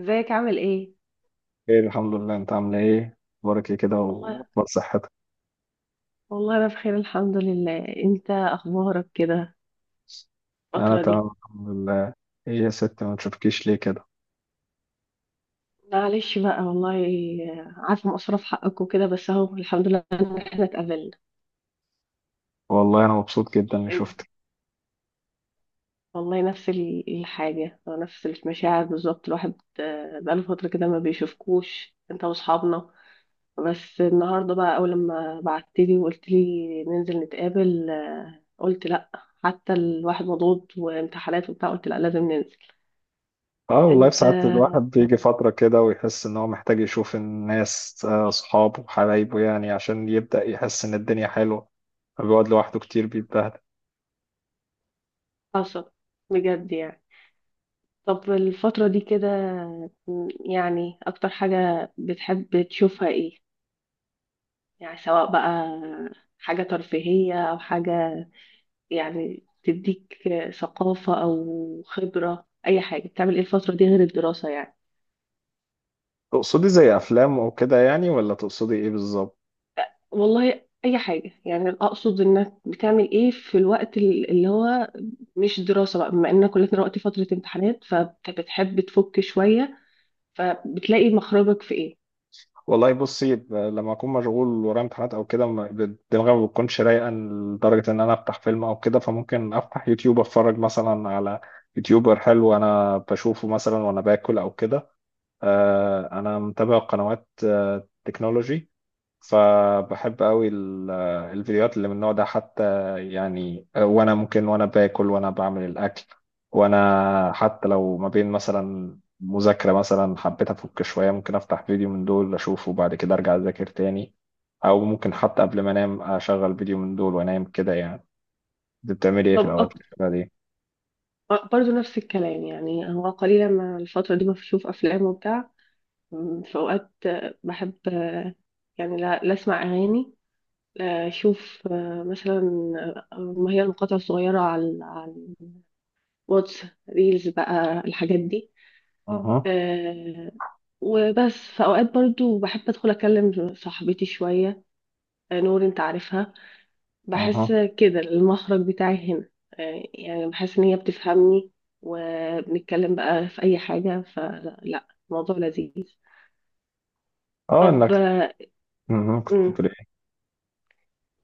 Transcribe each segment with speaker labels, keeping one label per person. Speaker 1: ازيك عامل ايه؟
Speaker 2: خير، الحمد لله. انت عامله ايه؟ اخبارك ايه كده؟
Speaker 1: والله
Speaker 2: واخبار صحتك؟
Speaker 1: والله انا بخير الحمد لله. انت اخبارك كده
Speaker 2: انا
Speaker 1: الفترة دي؟
Speaker 2: تمام الحمد لله. ايه يا ست ما تشوفكيش ليه كده؟
Speaker 1: معلش بقى، والله عارفة مقصرة في حقك وكده، بس اهو الحمد لله ان احنا اتقابلنا.
Speaker 2: والله انا مبسوط جدا اني
Speaker 1: إن-
Speaker 2: شفتك.
Speaker 1: والله نفس الحاجة، نفس المشاعر بالظبط. الواحد بقاله فترة كده ما بيشوفكوش انت واصحابنا. بس النهاردة بقى، اول لما بعتلي وقلت لي ننزل نتقابل، قلت لا. حتى الواحد مضغوط وامتحانات وبتاع، قلت لا لازم ننزل.
Speaker 2: اه والله في
Speaker 1: انت
Speaker 2: ساعات الواحد بيجي فتره كده ويحس ان هو محتاج يشوف الناس، اصحابه وحبايبه، يعني عشان يبدا يحس ان الدنيا حلوه. بيقعد لوحده كتير بيتبهدل.
Speaker 1: حصل بجد يعني. طب الفترة دي كده يعني، أكتر حاجة بتحب تشوفها إيه؟ يعني سواء بقى حاجة ترفيهية أو حاجة يعني تديك ثقافة أو خبرة، أي حاجة بتعمل إيه الفترة دي غير الدراسة يعني؟
Speaker 2: تقصدي زي افلام وكده يعني ولا تقصدي ايه بالظبط؟
Speaker 1: والله أي حاجة، يعني أقصد إنك بتعمل إيه في الوقت اللي هو مش دراسة بقى، بما إننا كلنا دلوقتي فترة امتحانات، فبتحب تفك شوية، فبتلاقي مخرجك في إيه؟
Speaker 2: والله بصي، لما اكون مشغول ورايا امتحانات او كده دماغي ما بتكونش رايقه لدرجه ان انا افتح فيلم او كده، فممكن افتح يوتيوب اتفرج مثلا على يوتيوبر حلو انا بشوفه مثلا وانا باكل او كده. انا متابع قنوات تكنولوجي، فبحب قوي الفيديوهات اللي من النوع ده. حتى يعني وانا ممكن وانا باكل وانا بعمل الاكل، وانا حتى لو ما بين مثلا مذاكرة مثلا حبيت افك شوية ممكن افتح فيديو من دول اشوفه وبعد كده ارجع اذاكر تاني، او ممكن حتى قبل ما انام اشغل فيديو من دول وانام كده يعني. انت بتعملي ايه في الاوقات
Speaker 1: طب،
Speaker 2: اللي شبه دي؟
Speaker 1: برضو نفس الكلام. يعني هو قليلا ما الفترة دي ما بشوف أفلام وبتاع. في أوقات بحب يعني لا أسمع أغاني، لا أشوف مثلا، ما هي المقاطع الصغيرة، على الواتس، ريلز بقى، الحاجات دي.
Speaker 2: اها.
Speaker 1: آه، وبس في أوقات برضو بحب أدخل أكلم صاحبتي شوية، نور، أنت عارفها. بحس
Speaker 2: اها.
Speaker 1: كده المخرج بتاعي هنا. يعني بحس ان هي بتفهمني، وبنتكلم بقى في اي حاجة، فلا الموضوع لذيذ.
Speaker 2: اه
Speaker 1: طب،
Speaker 2: انك مهم. كنت
Speaker 1: مم،
Speaker 2: بتقولي؟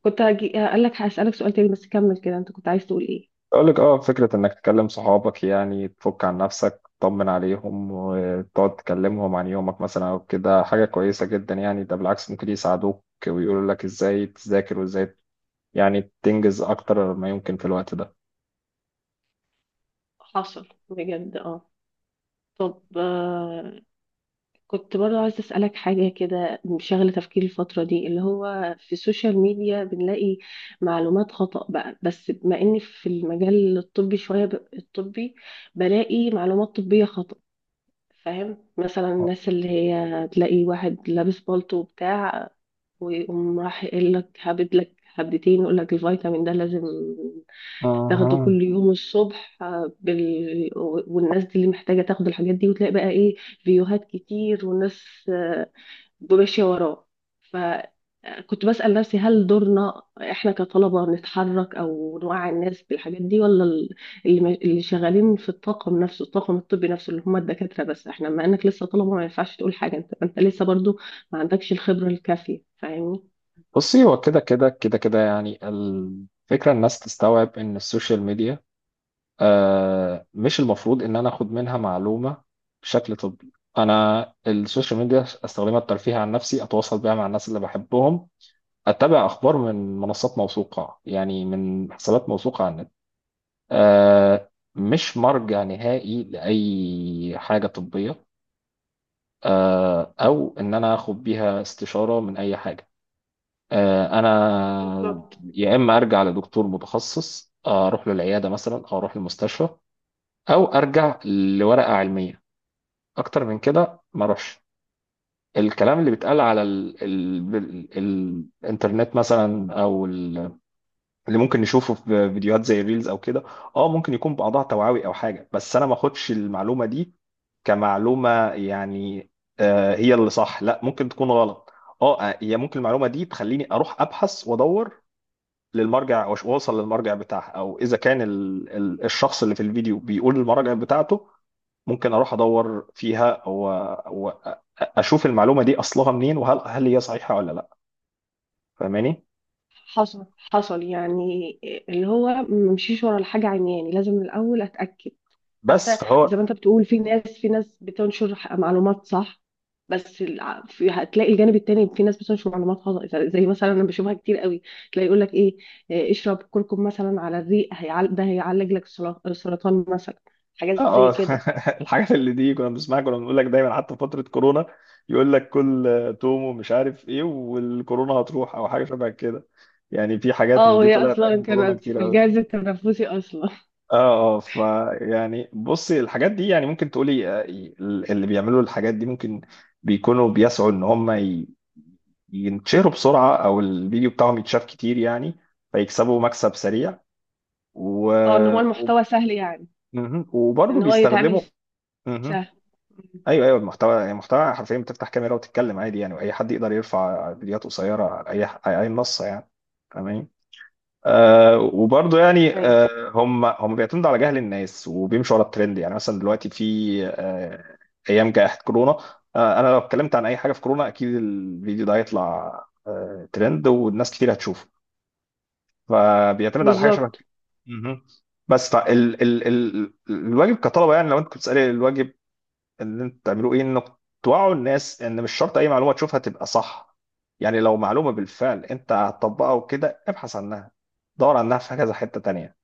Speaker 1: كنت هجي اقول لك هسألك سؤال تاني، بس كمل كده، انت كنت عايز تقول ايه؟
Speaker 2: اقول لك، اه، فكره انك تكلم صحابك يعني تفك عن نفسك، تطمن عليهم وتقعد تكلمهم عن يومك مثلا او كده، حاجه كويسه جدا يعني. ده بالعكس ممكن يساعدوك ويقولوا لك ازاي تذاكر وازاي يعني تنجز اكتر ما يمكن في الوقت ده.
Speaker 1: حصل بجد، اه. طب كنت برضو عايزة أسألك حاجة، كده شغلة تفكيري الفترة دي، اللي هو في السوشيال ميديا بنلاقي معلومات خطأ بقى. بس بما إني في المجال الطبي شوية، الطبي، بلاقي معلومات طبية خطأ. فاهم؟ مثلا الناس اللي هي تلاقي واحد لابس بالطو وبتاع، ويقوم راح يقول لك هبد لك هبدتين، يقول لك الفيتامين ده لازم تاخده
Speaker 2: اها.
Speaker 1: كل يوم الصبح، والناس دي اللي محتاجة تاخد الحاجات دي، وتلاقي بقى ايه؟ فيديوهات كتير، والناس آه، ماشية وراه. فكنت بسأل نفسي، هل دورنا احنا كطلبة نتحرك او نوعي الناس بالحاجات دي، ولا اللي شغالين في الطاقم نفسه، الطاقم الطبي نفسه، اللي هم الدكاترة؟ بس احنا، ما انك لسه طلبة ما ينفعش تقول حاجة. انت لسه برضو ما عندكش الخبرة الكافية. فاهمني؟
Speaker 2: بصي، هو كده كده كده كده يعني الفكرة، الناس تستوعب إن السوشيال ميديا، آه، مش المفروض إن أنا أخد منها معلومة بشكل طبي. أنا السوشيال ميديا أستخدمها الترفيه عن نفسي، أتواصل بيها مع الناس اللي بحبهم، أتبع أخبار من منصات موثوقة يعني، من حسابات موثوقة على النت. أه مش مرجع نهائي لأي حاجة طبية، أه، أو إن أنا آخد بيها استشارة من أي حاجة. أه أنا
Speaker 1: بالظبط.
Speaker 2: يا إما أرجع لدكتور متخصص، أروح للعيادة مثلا أو أروح للمستشفى، أو أرجع لورقة علمية. أكتر من كده ما أروحش. الكلام اللي بيتقال على ال الإنترنت مثلا، أو اللي ممكن نشوفه في فيديوهات زي ريلز او كده، اه ممكن يكون بعضها توعوي او حاجه، بس انا ما اخدش المعلومه دي كمعلومه يعني هي اللي صح. لا ممكن تكون غلط. اه، هي ممكن المعلومه دي تخليني اروح ابحث وادور للمرجع، واوصل للمرجع بتاعها، او اذا كان ال ال الشخص اللي في الفيديو بيقول المرجع بتاعته، ممكن اروح ادور فيها واشوف المعلومه دي اصلها منين، وهل هل هي صحيحه ولا لا. فاهماني؟
Speaker 1: حصل، حصل يعني، اللي هو ممشيش ورا الحاجة عمياني، لازم من الأول أتأكد.
Speaker 2: بس
Speaker 1: حتى زي
Speaker 2: فهو
Speaker 1: ما أنت بتقول، في ناس بتنشر معلومات صح، بس في هتلاقي الجانب التاني في ناس بتنشر معلومات خطأ، زي مثلا أنا بشوفها كتير قوي. تلاقي يقول لك إيه، اشرب كركم مثلا على الريق، ده هيعالج لك السرطان مثلا،
Speaker 2: اه.
Speaker 1: حاجات زي
Speaker 2: آه.
Speaker 1: كده.
Speaker 2: الحاجات اللي دي كنا بنسمعها، كنا بنقول لك دايما، حتى في فترة كورونا يقول لك كل توم ومش عارف ايه والكورونا هتروح، او حاجة شبه كده يعني. في حاجات
Speaker 1: اه،
Speaker 2: من دي
Speaker 1: وهي
Speaker 2: طلعت
Speaker 1: أصلا
Speaker 2: ايام كورونا
Speaker 1: كانت
Speaker 2: كتير
Speaker 1: في
Speaker 2: قوي.
Speaker 1: الجهاز التنفسي أصلا.
Speaker 2: اه اه ف يعني بصي الحاجات دي يعني ممكن تقولي، اللي بيعملوا الحاجات دي ممكن بيكونوا بيسعوا ان ينتشروا بسرعة، او الفيديو بتاعهم يتشاف كتير يعني، فيكسبوا مكسب سريع. و...
Speaker 1: اه، إن هو
Speaker 2: و...
Speaker 1: المحتوى سهل يعني،
Speaker 2: مهم. وبرضه
Speaker 1: إن هو يتعمل
Speaker 2: بيستخدموا مهم.
Speaker 1: سهل.
Speaker 2: ايوه ايوه، المحتوى يعني، المحتوى حرفيا بتفتح كاميرا وتتكلم عادي يعني، واي حد يقدر يرفع فيديوهات قصيره على اي على اي منصه يعني. فاهمين؟ آه وبرضه يعني،
Speaker 1: أيوه،
Speaker 2: آه، هم بيعتمدوا على جهل الناس وبيمشوا ورا الترند يعني. مثلا دلوقتي في آه، ايام جائحه كورونا، آه، انا لو اتكلمت عن اي حاجه في كورونا اكيد الفيديو ده هيطلع آه ترند والناس كتير هتشوفه، فبيعتمد على حاجه شبه
Speaker 1: بالظبط.
Speaker 2: كده. مهم. بس فال ال ال الواجب كطلبه يعني، لو انت كنت بتسالي الواجب اللي انتوا بتعملوه ايه، انك توعوا الناس ان مش شرط اي معلومه تشوفها تبقى صح. يعني لو معلومه بالفعل انت هتطبقها وكده ابحث عنها، دور عنها في كذا حته تانية.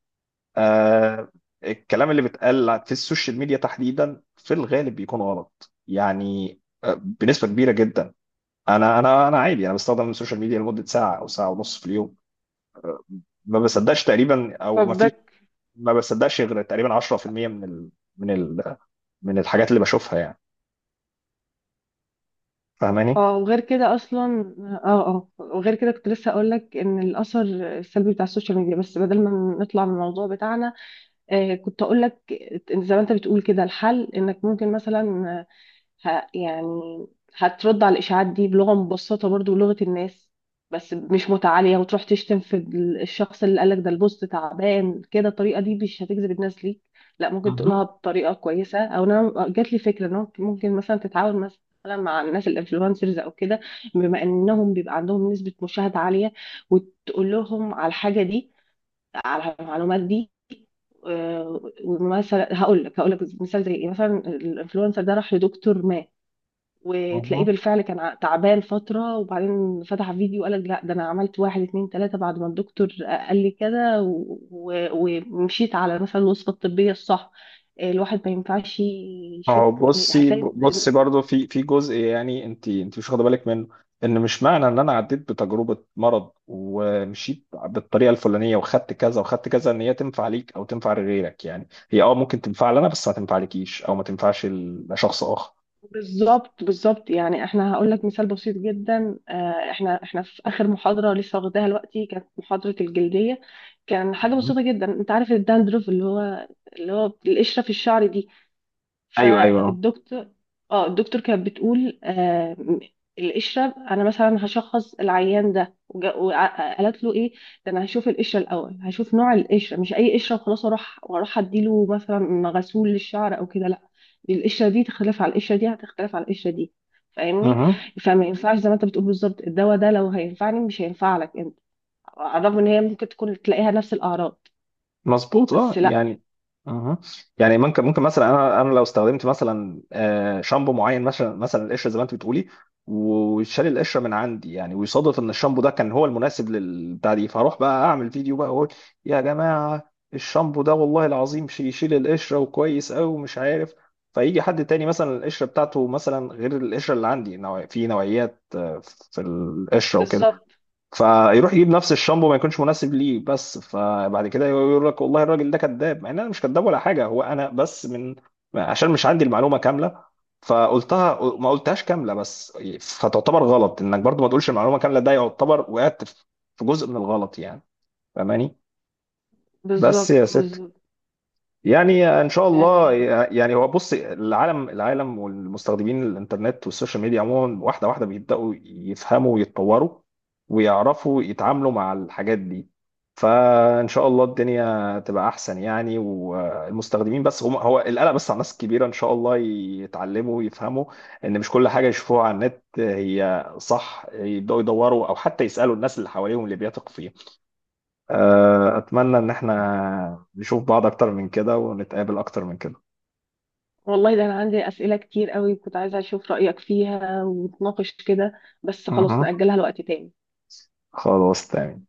Speaker 2: آه، الكلام اللي بيتقال في السوشيال ميديا تحديدا في الغالب بيكون غلط يعني، بنسبه كبيره جدا. انا عادي انا بستخدم السوشيال ميديا لمده ساعه او ساعه ونص في اليوم. ما بصدقش تقريبا، او ما في،
Speaker 1: فبدك،
Speaker 2: ما بصدقش غير تقريبا 10% من ال من ال من الحاجات اللي بشوفها يعني. فاهماني؟
Speaker 1: اه، وغير كده اصلا. اه، اه، وغير كده كنت لسه اقول لك ان الاثر السلبي بتاع السوشيال ميديا. بس بدل ما نطلع من الموضوع بتاعنا، كنت اقول لك، زي ما انت بتقول كده، الحل انك ممكن مثلا آه، يعني هترد على الإشاعات دي بلغة مبسطة، برضو بلغة الناس، بس مش متعالية وتروح تشتم في الشخص اللي قالك، ده البوست تعبان كده، الطريقة دي مش هتجذب الناس ليك. لا، ممكن تقولها
Speaker 2: مهم.
Speaker 1: بطريقة كويسة، أو أنا جات لي فكرة إن هو ممكن مثلا تتعاون مثلا مع الناس الانفلونسرز أو كده، بما إنهم بيبقى عندهم نسبة مشاهدة عالية، وتقول لهم على الحاجة دي، على المعلومات دي. ومثلا هقول لك مثال زي ايه. مثلا الانفلونسر ده راح لدكتور ما، وتلاقيه
Speaker 2: مهم.
Speaker 1: بالفعل كان تعبان فترة، وبعدين فتح فيديو قالك لا ده انا عملت واحد اتنين تلاتة بعد ما الدكتور قال لي كده، ومشيت على مثلا الوصفة الطبية الصح. الواحد ما ينفعش يشوف،
Speaker 2: اهو بصي
Speaker 1: هتلاقي د-
Speaker 2: بصي، برضو في جزء يعني انت انت مش واخده بالك منه، ان مش معنى ان انا عديت بتجربه مرض ومشيت بالطريقه الفلانيه وخدت كذا وخدت كذا، ان هي تنفع ليك او تنفع لغيرك. يعني هي اه ممكن تنفع لنا بس ما تنفع ليكيش او ما تنفعش لشخص اخر.
Speaker 1: بالظبط، بالظبط. يعني احنا هقول لك مثال بسيط جدا. احنا في اخر محاضرة لسه واخداها دلوقتي، كانت محاضرة الجلدية. كان حاجة
Speaker 2: مهم.
Speaker 1: بسيطة جدا، انت عارف الداندروف، اللي هو القشرة في الشعر دي.
Speaker 2: ايوه ايوه.
Speaker 1: فالدكتور اه الدكتور كانت بتقول القشرة، انا مثلا هشخص العيان ده، قالت له ايه، ده انا هشوف القشرة الاول، هشوف نوع القشرة، مش اي قشرة وخلاص اروح، واروح اديله مثلا غسول للشعر او كده، لا. دي القشرة دي تختلف على القشرة دي، هتختلف على القشرة دي. فاهمني؟
Speaker 2: مهم.
Speaker 1: فما ينفعش، زي ما انت بتقول بالظبط، الدواء ده لو هينفعني مش هينفع لك انت، على الرغم ان هي ممكن تكون تلاقيها نفس الاعراض،
Speaker 2: مظبوط اه
Speaker 1: بس لا.
Speaker 2: يعني. اها. يعني ممكن، ممكن مثلا انا، انا لو استخدمت مثلا، شامبو معين مثلا، مثلا القشره زي ما انت بتقولي، وشال القشره من عندي يعني، ويصادف ان الشامبو ده كان هو المناسب للبتاع دي، فاروح بقى اعمل فيديو بقى واقول يا جماعه الشامبو ده والله العظيم يشيل القشره وكويس قوي ومش عارف. فيجي حد تاني مثلا القشره بتاعته مثلا غير القشره اللي عندي، نوع في نوعيات في القشره وكده،
Speaker 1: بالظبط،
Speaker 2: فيروح يجيب نفس الشامبو ما يكونش مناسب ليه، بس فبعد كده يقول لك والله الراجل ده كذاب، مع ان انا مش كذاب ولا حاجه هو، انا بس من عشان مش عندي المعلومه كامله فقلتها، ما قلتهاش كامله بس. فتعتبر غلط انك برضو ما تقولش المعلومه كامله، ده يعتبر وقعت في جزء من الغلط يعني. فاهماني؟ بس يا
Speaker 1: بالظبط،
Speaker 2: ست
Speaker 1: بالظبط.
Speaker 2: يعني ان شاء الله.
Speaker 1: تمام.
Speaker 2: يعني هو بص، العالم العالم والمستخدمين الانترنت والسوشيال ميديا عموما، واحده واحده بيبداوا يفهموا ويتطوروا ويعرفوا يتعاملوا مع الحاجات دي، فان شاء الله الدنيا تبقى احسن يعني. والمستخدمين بس هم، هو القلق بس على الناس الكبيره، ان شاء الله يتعلموا ويفهموا ان مش كل حاجه يشوفوها على النت هي صح، يبداوا يدوروا او حتى يسالوا الناس اللي حواليهم اللي بيثقوا فيهم. آه، أتمنى إن إحنا نشوف بعض أكتر من كده ونتقابل أكتر من كده.
Speaker 1: والله ده انا عندي اسئله كتير قوي كنت عايزه اشوف رايك فيها ونتناقش كده، بس خلاص
Speaker 2: أها.
Speaker 1: ناجلها لوقت تاني.
Speaker 2: خلاص تمام.